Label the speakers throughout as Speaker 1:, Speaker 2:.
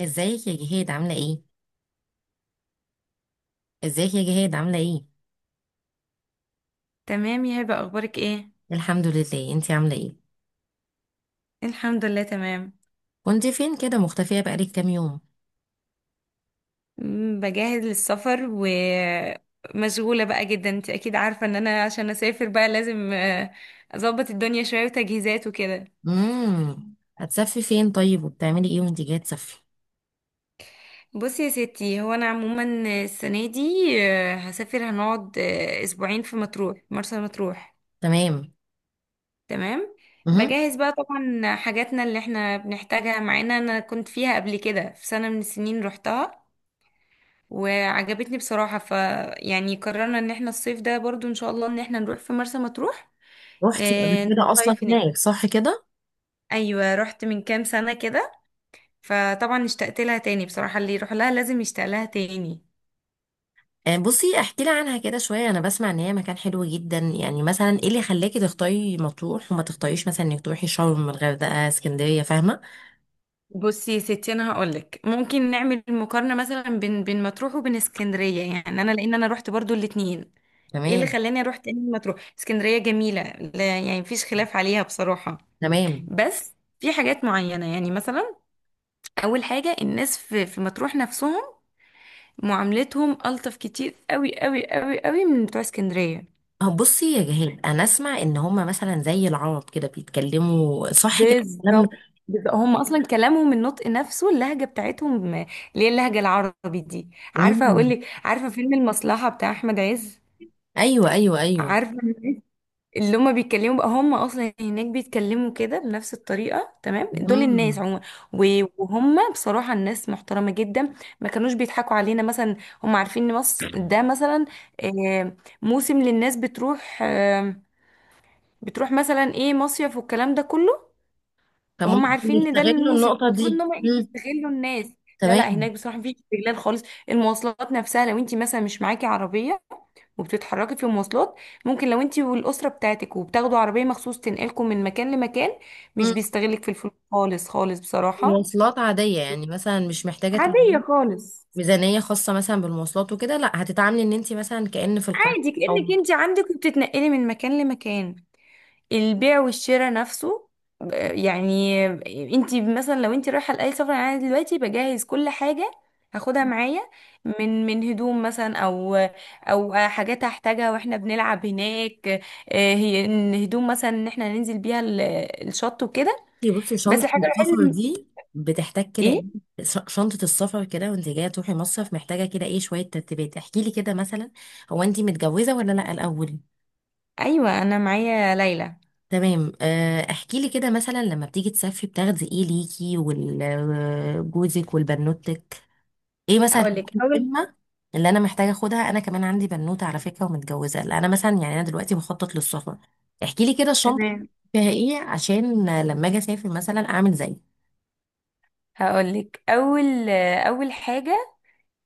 Speaker 1: ازيك يا جهاد عاملة ايه؟ ازيك يا جهاد عاملة ايه؟
Speaker 2: تمام يا هبة، أخبارك إيه؟
Speaker 1: الحمد لله، انتي عاملة ايه؟
Speaker 2: الحمد لله تمام.
Speaker 1: كنت فين كده مختفية بقالك كام يوم؟
Speaker 2: بجهز للسفر، ومشغولة بقى جدا. أنت أكيد عارفة إن أنا عشان أسافر بقى لازم أظبط الدنيا شوية وتجهيزات وكده.
Speaker 1: هتسافري فين طيب، وبتعملي ايه وانتي جاية تسافري؟
Speaker 2: بصي يا ستي، هو أنا عموما السنة دي هسافر، هنقعد أسبوعين في مطروح، مرسى مطروح.
Speaker 1: تمام.
Speaker 2: تمام.
Speaker 1: امم.
Speaker 2: بجهز بقى طبعا حاجاتنا اللي احنا بنحتاجها معانا. أنا كنت فيها قبل كده في سنة من السنين، روحتها وعجبتني بصراحة، يعني قررنا ان احنا الصيف ده برضو ان شاء الله ان احنا نروح في مرسى مطروح.
Speaker 1: روحتي قبل
Speaker 2: آه،
Speaker 1: كده اصلا
Speaker 2: نصيف هناك.
Speaker 1: هناك، صح كده؟
Speaker 2: ايوه، رحت من كام سنة كده، فطبعا اشتقت لها تاني بصراحة، اللي يروح لها لازم يشتاق لها تاني.
Speaker 1: بصي احكي لي عنها كده شوية، انا بسمع ان هي مكان حلو جدا، يعني مثلا ايه اللي خلاكي تختاري مطروح وما تختاريش مثلا انك تروحي شرم الغردقة اسكندرية، فاهمة؟
Speaker 2: بصي يا ستي، انا هقولك ممكن نعمل مقارنة مثلا بين مطروح وبين اسكندرية. يعني انا، لان انا رحت برضو الاتنين، ايه اللي
Speaker 1: تمام.
Speaker 2: خلاني اروح تاني مطروح؟ اسكندرية جميلة، لا يعني مفيش خلاف عليها بصراحة.
Speaker 1: تمام.
Speaker 2: بس في حاجات معينة، يعني مثلا اول حاجه الناس في مطروح نفسهم، معاملتهم الطف كتير قوي قوي قوي قوي من بتوع اسكندريه.
Speaker 1: أه بصي يا جهاد، انا اسمع ان هما مثلا زي العرب كده بيتكلموا، صح كده الكلام ده؟
Speaker 2: بالظبط، بالظبط. هم اصلا كلامهم، النطق نفسه، اللهجه بتاعتهم اللي هي اللهجه العربي دي. عارفه اقول
Speaker 1: مم.
Speaker 2: لك، عارفه فيلم المصلحه بتاع احمد عز؟
Speaker 1: ايوه ايوه ايوه.
Speaker 2: عارفه اللي هما بيتكلموا بقى، هما اصلا هناك بيتكلموا كده بنفس الطريقه، تمام. دول الناس
Speaker 1: مم.
Speaker 2: عموما، وهما بصراحه الناس محترمه جدا، ما كانوش بيضحكوا علينا مثلا. هما عارفين ان مصر ده مثلا آه، موسم للناس بتروح مثلا ايه، مصيف والكلام ده كله. هم
Speaker 1: فممكن
Speaker 2: عارفين ان ده
Speaker 1: يستغلوا
Speaker 2: الموسم
Speaker 1: النقطه
Speaker 2: المفروض ان
Speaker 1: دي.
Speaker 2: هم
Speaker 1: مم.
Speaker 2: يستغلوا الناس. لا لا،
Speaker 1: تمام.
Speaker 2: هناك بصراحه مفيش استغلال خالص. المواصلات نفسها، لو انت مثلا مش معاكي عربيه وبتتحركي في المواصلات، ممكن لو انت والاسره بتاعتك وبتاخدوا عربيه مخصوص تنقلكم من مكان لمكان، مش
Speaker 1: مم.
Speaker 2: بيستغلك في الفلوس خالص خالص بصراحه.
Speaker 1: مواصلات عاديه يعني، مثلا مش محتاجه
Speaker 2: عاديه
Speaker 1: تجيبي
Speaker 2: خالص.
Speaker 1: ميزانيه خاصه مثلا بالمواصلات وكده، لا هتتعاملي ان انت مثلا كأن في القاهره.
Speaker 2: عادي
Speaker 1: او
Speaker 2: كانك انت عندك وبتتنقلي من مكان لمكان. البيع والشراء نفسه، يعني انت مثلا، لو انت رايحه لاي سفر، يعني انا دلوقتي بجهز كل حاجه هاخدها معايا، من هدوم مثلا، او حاجات هحتاجها واحنا بنلعب هناك، هي ان هدوم مثلا ان احنا ننزل بيها الشط وكده.
Speaker 1: بصي
Speaker 2: بس
Speaker 1: شنطة
Speaker 2: الحاجه الوحيده
Speaker 1: السفر دي بتحتاج كده
Speaker 2: ايه.
Speaker 1: ايه، شنطة السفر كده وانت جاية تروحي مصيف، محتاجة كده ايه شوية ترتيبات، احكي لي كده مثلا. هو انت متجوزة ولا لا الأول؟
Speaker 2: ايوه، انا معايا ليلى.
Speaker 1: تمام. احكي لي كده مثلا لما بتيجي تسافري بتاخدي ايه ليكي وجوزك والبنوتك. ايه مثلا
Speaker 2: هقول لك
Speaker 1: الحاجات
Speaker 2: اول.
Speaker 1: المهمة اللي انا محتاجة اخدها؟ انا كمان عندي بنوتة على فكرة ومتجوزة. لا، انا مثلا يعني انا دلوقتي بخطط للسفر. احكي لي كده الشنطة
Speaker 2: تمام.
Speaker 1: فيها ايه، عشان لما اجي اسافر مثلا اعمل زي.
Speaker 2: هقول لك اول، اول حاجه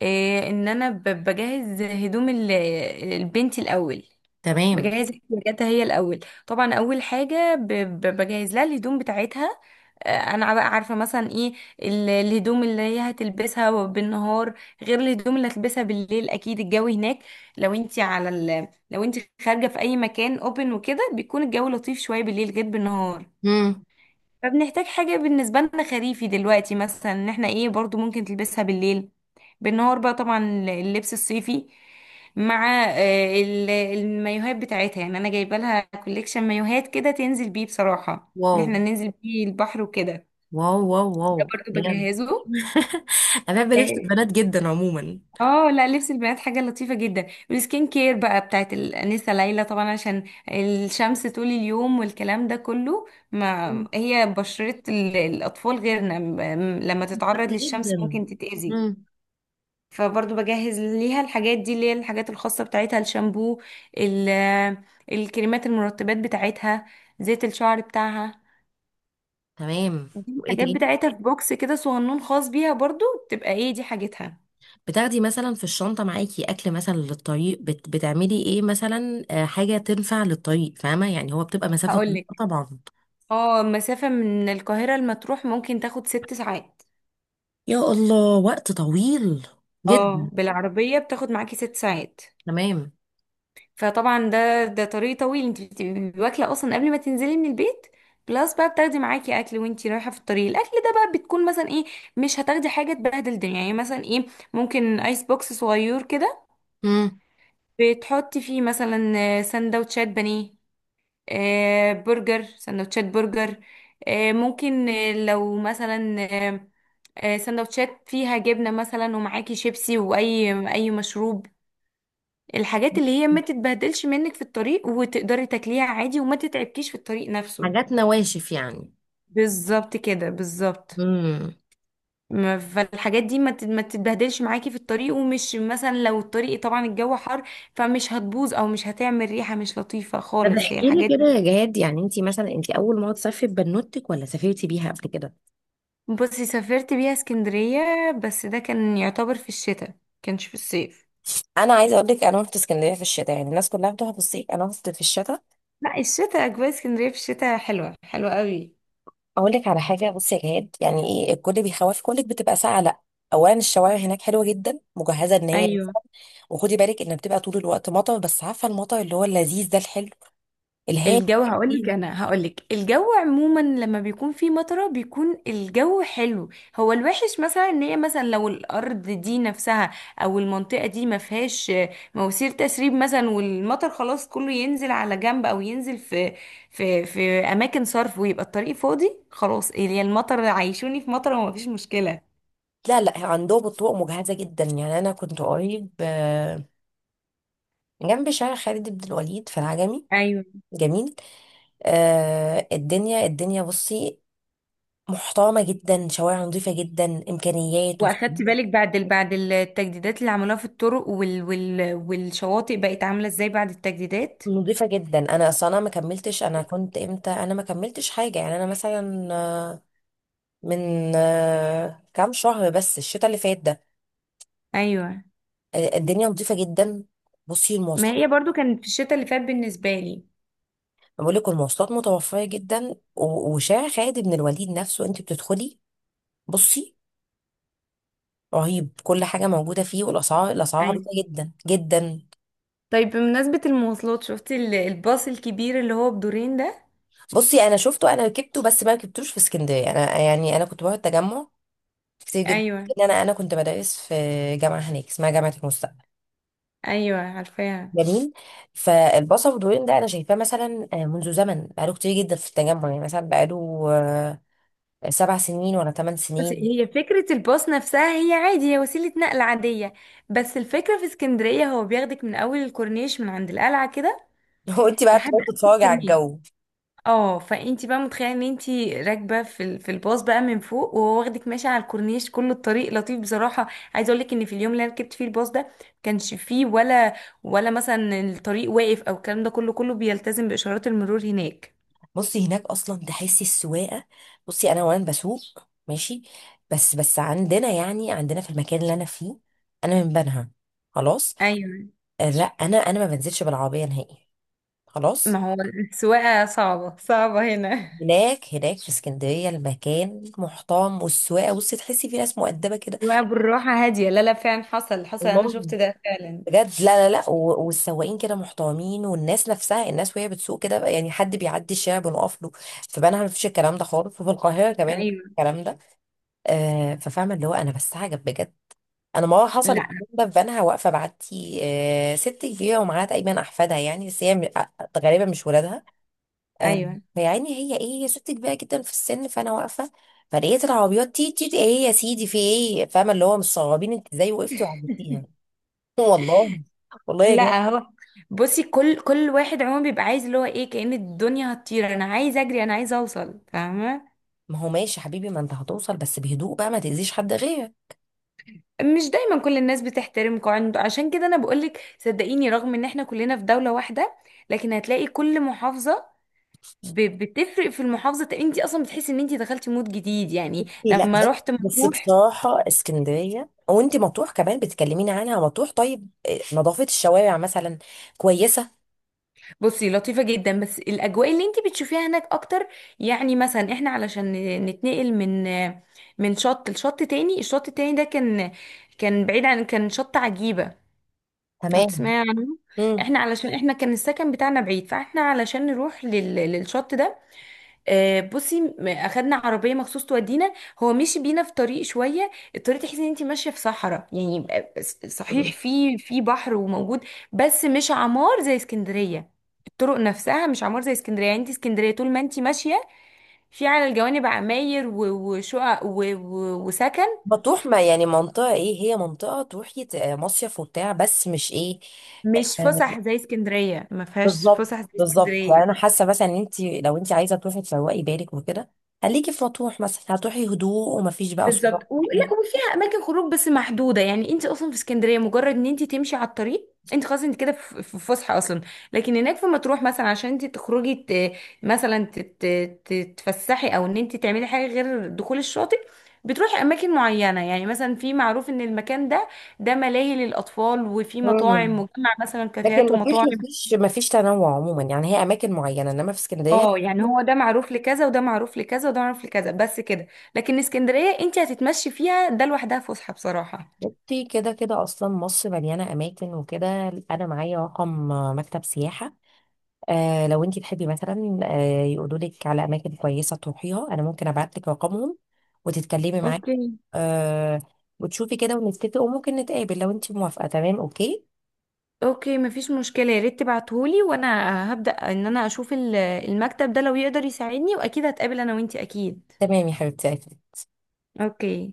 Speaker 2: إيه، ان انا بجهز هدوم البنت الاول،
Speaker 1: تمام.
Speaker 2: بجهز احتياجاتها هي الاول. طبعا اول حاجه بجهز لها الهدوم بتاعتها. انا بقى عارفه مثلا ايه الهدوم اللي هي هتلبسها بالنهار، غير الهدوم اللي هتلبسها بالليل. اكيد الجو هناك، لو انت خارجه في اي مكان اوبن وكده، بيكون الجو لطيف شويه بالليل غير بالنهار.
Speaker 1: مم.
Speaker 2: فبنحتاج حاجة بالنسبة لنا خريفي دلوقتي، مثلا ان احنا ايه، برضو ممكن تلبسها بالليل. بالنهار بقى طبعا اللبس الصيفي، مع المايوهات بتاعتها. يعني انا جايبه لها كوليكشن مايوهات كده تنزل بيه، بصراحة ان
Speaker 1: واو.
Speaker 2: احنا ننزل بيه البحر وكده.
Speaker 1: واو واو
Speaker 2: ده
Speaker 1: واو.
Speaker 2: برضو
Speaker 1: بجد.
Speaker 2: بجهزه.
Speaker 1: انا بحب لبس البنات جدا عموما.
Speaker 2: اه، لا، لبس البنات حاجة لطيفة جدا. والسكين كير بقى بتاعت الأنسة ليلى طبعا، عشان الشمس طول اليوم والكلام ده كله. ما
Speaker 1: مم.
Speaker 2: هي بشرة الأطفال غيرنا، لما
Speaker 1: شكرا
Speaker 2: تتعرض للشمس
Speaker 1: جدا.
Speaker 2: ممكن تتأذي.
Speaker 1: مم.
Speaker 2: فبرضه بجهز ليها الحاجات دي، اللي هي الحاجات الخاصة بتاعتها، الشامبو، ال- الكريمات، المرطبات بتاعتها، زيت الشعر بتاعها.
Speaker 1: تمام.
Speaker 2: دي
Speaker 1: وايه
Speaker 2: الحاجات
Speaker 1: تاني؟
Speaker 2: بتاعتها في بوكس كده صغنون خاص بيها برضه، تبقى ايه دي حاجتها.
Speaker 1: بتاخدي مثلا في الشنطه معاكي اكل مثلا للطريق؟ بتعملي ايه مثلا، حاجه تنفع للطريق، فاهمه يعني هو بتبقى مسافه طويله
Speaker 2: هقولك،
Speaker 1: طبعا.
Speaker 2: اه مسافة من القاهرة لمطروح ممكن تاخد 6 ساعات.
Speaker 1: يا الله، وقت طويل
Speaker 2: اه،
Speaker 1: جدا.
Speaker 2: بالعربية بتاخد معاكي 6 ساعات.
Speaker 1: تمام.
Speaker 2: فطبعا ده طريق طويل. انت بتبقي واكلة اصلا قبل ما تنزلي من البيت، بلس بقى بتاخدي معاكي اكل وانتي رايحة في الطريق. الاكل ده بقى بتكون مثلا ايه، مش هتاخدي حاجة تبهدل الدنيا، يعني مثلا ايه، ممكن ايس بوكس صغير كده
Speaker 1: مم.
Speaker 2: بتحطي فيه مثلا سندوتشات بانيه، برجر، سندوتشات برجر، ممكن لو مثلا سندوتشات فيها جبنة مثلا، ومعاكي شيبسي وأي مشروب. الحاجات اللي هي ما تتبهدلش منك في الطريق وتقدري تاكليها عادي وما تتعبكيش في الطريق نفسه.
Speaker 1: حاجات نواشف يعني.
Speaker 2: بالظبط كده، بالظبط.
Speaker 1: امم.
Speaker 2: فالحاجات دي ما تتبهدلش معاكي في الطريق، ومش مثلا، لو الطريق طبعا الجو حر، فمش هتبوظ او مش هتعمل ريحة مش لطيفة
Speaker 1: طب
Speaker 2: خالص، هي
Speaker 1: احكي
Speaker 2: الحاجات
Speaker 1: لي كده
Speaker 2: دي.
Speaker 1: يا جهاد، يعني انت مثلا انت اول مره تسافري ببنوتك ولا سافرتي بيها قبل كده؟
Speaker 2: بصي، سافرت بيها اسكندرية، بس ده كان يعتبر في الشتاء، كانش في الصيف.
Speaker 1: انا عايزه اقول لك انا رحت اسكندريه في الشتاء، يعني الناس كلها بتروح في الصيف انا رحت في الشتاء.
Speaker 2: لا، الشتاء اجواء اسكندرية في الشتاء حلوة حلوة قوي.
Speaker 1: اقول لك على حاجه بصي يا جهاد، يعني ايه الكل بيخوف كلك بتبقى ساقعه؟ لا. اولا الشوارع هناك حلوه جدا مجهزه ان هي.
Speaker 2: ايوه.
Speaker 1: وخدي بالك ان بتبقى طول الوقت مطر، بس عارفه المطر اللي هو اللذيذ ده، الحلو الهادي.
Speaker 2: الجو هقولك انا هقولك الجو عموما لما بيكون فيه مطره بيكون الجو حلو. هو الوحش مثلا ان هي، مثلا لو الارض دي نفسها او المنطقه دي ما فيهاش مواسير تسريب مثلا، والمطر خلاص كله ينزل على جنب او ينزل في في اماكن صرف ويبقى الطريق فاضي خلاص. هي المطر عايشوني في مطره وما فيش مشكله.
Speaker 1: لا لا، عندهم الطرق مجهزه جدا. يعني انا كنت قريب جنب شارع خالد بن الوليد في العجمي.
Speaker 2: ايوه.
Speaker 1: جميل. آه، الدنيا بصي محترمه جدا، شوارع نظيفه جدا، امكانيات
Speaker 2: واخدت
Speaker 1: وخدمات
Speaker 2: بالك بعد التجديدات اللي عملوها في الطرق والشواطئ بقت عامله ازاي بعد التجديدات؟
Speaker 1: نضيفة جدا. انا كنت امتى؟ انا ما كملتش حاجة يعني. انا مثلا من كام شهر بس، الشتاء اللي فات ده.
Speaker 2: ايوه،
Speaker 1: الدنيا نضيفة جدا. بصي
Speaker 2: ما
Speaker 1: المواصلات،
Speaker 2: هي برضو كانت في الشتاء اللي فات بالنسبة لي.
Speaker 1: أنا بقول لك المواصلات متوفرة جدا، وشارع خالد بن الوليد نفسه انت بتدخلي، بصي رهيب، كل حاجة موجودة فيه. والاسعار الاسعار
Speaker 2: ايوه.
Speaker 1: عبيطة جدا جدا.
Speaker 2: طيب بمناسبة المواصلات، شفتي الباص الكبير اللي هو بدورين ده؟
Speaker 1: بصي انا شفته، انا ركبته بس ما ركبتوش في اسكندرية. انا يعني انا كنت بروح التجمع كتير جدا،
Speaker 2: ايوه،
Speaker 1: لأن انا كنت بدرس في جامعة هناك اسمها جامعة المستقبل.
Speaker 2: ايوه، عارفاها.
Speaker 1: جميل. فالبصل والدورين ده انا شايفاه مثلا منذ زمن، بقاله كتير جدا في التجمع. يعني مثلا بقاله 7 سنين ولا ثمان
Speaker 2: بس
Speaker 1: سنين
Speaker 2: هي فكرة الباص نفسها، هي عادي، هي وسيلة نقل عادية، بس الفكرة في اسكندرية هو بياخدك من أول الكورنيش، من عند القلعة كده،
Speaker 1: وانت بقى
Speaker 2: لحد
Speaker 1: بتقعدي
Speaker 2: آخر
Speaker 1: تتفرجي على
Speaker 2: الكورنيش.
Speaker 1: الجو.
Speaker 2: اه، فانتي بقى متخيله ان انتي راكبه في الباص بقى من فوق، وهو واخدك ماشيه على الكورنيش، كل الطريق لطيف بصراحه. عايزه اقول لك ان في اليوم اللي انا ركبت فيه الباص ده، كانش فيه ولا مثلا الطريق واقف او الكلام ده كله بيلتزم باشارات المرور هناك.
Speaker 1: بصي هناك اصلا تحسي السواقه، بصي انا وانا بسوق ماشي. بس عندنا، يعني عندنا في المكان اللي انا فيه، انا من بنها، خلاص.
Speaker 2: ايوه،
Speaker 1: لا، انا ما بنزلش بالعربيه نهائي،
Speaker 2: ما
Speaker 1: خلاص.
Speaker 2: هو السواقه صعبه صعبه هنا.
Speaker 1: هناك في اسكندريه المكان محترم، والسواقه بصي، تحسي في ناس مؤدبه كده.
Speaker 2: السواقه بالراحه هاديه، لا لا، فعلا حصل، حصل، انا
Speaker 1: والله.
Speaker 2: شفت ده فعلا.
Speaker 1: بجد. لا لا لا، والسواقين كده محترمين، والناس نفسها الناس وهي بتسوق كده بقى، يعني حد بيعدي الشارع بنقف له. في بنها مفيش الكلام ده خالص، وفي القاهرة كمان مفيش
Speaker 2: ايوه،
Speaker 1: الكلام ده. آه، ففاهمة اللي هو أنا بستعجب بجد. أنا مرة حصل
Speaker 2: لا،
Speaker 1: الكلام ده في بنها، واقفة بعدي آه ست كبيرة ومعاها تقريبا أحفادها يعني، بس هي غالبا مش ولادها. آه.
Speaker 2: ايوه،
Speaker 1: فيعني هي إيه، هي ست كبيرة جدا في السن، فأنا واقفة. فلقيت العربيات تي تي تي، إيه يا سيدي، في إيه؟ فاهمة اللي هو مستغربين أنت إزاي وقفتي وعديتيها. والله. والله يا.
Speaker 2: لا هو، بصي كل واحد عموما بيبقى عايز اللي هو ايه، كأن الدنيا هتطير، انا عايز اجري، انا عايز اوصل، فاهمه.
Speaker 1: ما هو ماشي حبيبي، ما انت هتوصل بس بهدوء بقى، ما تأذيش حد غيرك.
Speaker 2: مش دايما كل الناس بتحترم قواعد، عشان كده انا بقولك صدقيني، رغم ان احنا كلنا في دولة واحدة لكن هتلاقي كل محافظة بتفرق في المحافظة، انت اصلا بتحسي ان انت دخلتي مود جديد يعني
Speaker 1: لا
Speaker 2: لما
Speaker 1: بس،
Speaker 2: رحت مطروح.
Speaker 1: بصراحة اسكندرية، وانت مطروح كمان بتكلميني عنها مطروح، طيب نظافة الشوارع مثلا كويسة؟
Speaker 2: بصي، لطيفة جدا، بس الأجواء اللي انتي بتشوفيها هناك أكتر. يعني مثلا احنا علشان نتنقل من شط لشط تاني، الشط التاني ده كان بعيد، عن، كان شط عجيبة لو
Speaker 1: تمام.
Speaker 2: تسمعي عنه.
Speaker 1: امم.
Speaker 2: احنا كان السكن بتاعنا بعيد، فاحنا علشان نروح للشط ده، بصي اخدنا عربيه مخصوص تودينا. هو مشي بينا في طريق، شويه الطريق تحسي ان انت ماشيه في صحراء، يعني صحيح
Speaker 1: مم.
Speaker 2: في بحر وموجود، بس مش عمار زي اسكندريه. الطرق نفسها مش عمار زي اسكندريه، يعني انت اسكندريه طول ما انت ماشيه، في على الجوانب عماير وشقق وسكن.
Speaker 1: مطروح ما يعني منطقة ايه، هي منطقة تروحي مصيف وبتاع، بس مش ايه.
Speaker 2: مش
Speaker 1: آه،
Speaker 2: فسح زي اسكندريه، ما فيهاش
Speaker 1: بالظبط
Speaker 2: فسح زي
Speaker 1: بالظبط، يعني
Speaker 2: اسكندريه.
Speaker 1: انا حاسة مثلا ان انت لو انت عايزة تروحي تروقي بالك وكده، خليكي في مطروح مثلا، هتروحي هدوء ومفيش بقى صداع
Speaker 2: بالظبط،
Speaker 1: ولا
Speaker 2: ولا وفيها اماكن خروج بس محدوده. يعني انت اصلا في اسكندريه مجرد ان انت تمشي على الطريق انت خلاص، انت كده في فسحه اصلا. لكن هناك في مطروح مثلا عشان انت تخرجي مثلا تتفسحي، او ان انت تعملي حاجه غير دخول الشاطئ، بتروحي اماكن معينه، يعني مثلا في معروف ان المكان ده ملاهي للاطفال، وفي
Speaker 1: حاجة.
Speaker 2: مطاعم مجمع مثلا،
Speaker 1: لكن
Speaker 2: كافيهات
Speaker 1: ما فيش
Speaker 2: ومطاعم.
Speaker 1: ما فيش ما فيش تنوع عموما، يعني هي اماكن معينه، انما في اسكندريه.
Speaker 2: اه، يعني هو ده معروف لكذا، وده معروف لكذا، وده معروف لكذا، بس كده. لكن اسكندريه انت هتتمشي فيها ده لوحدها فسحه بصراحه.
Speaker 1: بصي كده كده اصلا مصر مليانه اماكن وكده. انا معايا رقم مكتب سياحه، آه لو انت تحبي مثلا آه يقولوا لك على اماكن كويسه تروحيها، انا ممكن ابعت لك رقمهم وتتكلمي معاهم.
Speaker 2: اوكي.
Speaker 1: آه. وتشوفي كده ونتفق، وممكن نتقابل لو انت موافقه. تمام. اوكي.
Speaker 2: اوكي، مفيش مشكلة، يا ريت تبعتهولي، وانا هبدأ ان انا اشوف المكتب ده لو يقدر يساعدني، واكيد هتقابل انا وانتي اكيد.
Speaker 1: تمام يا حبيبتي.
Speaker 2: اوكي.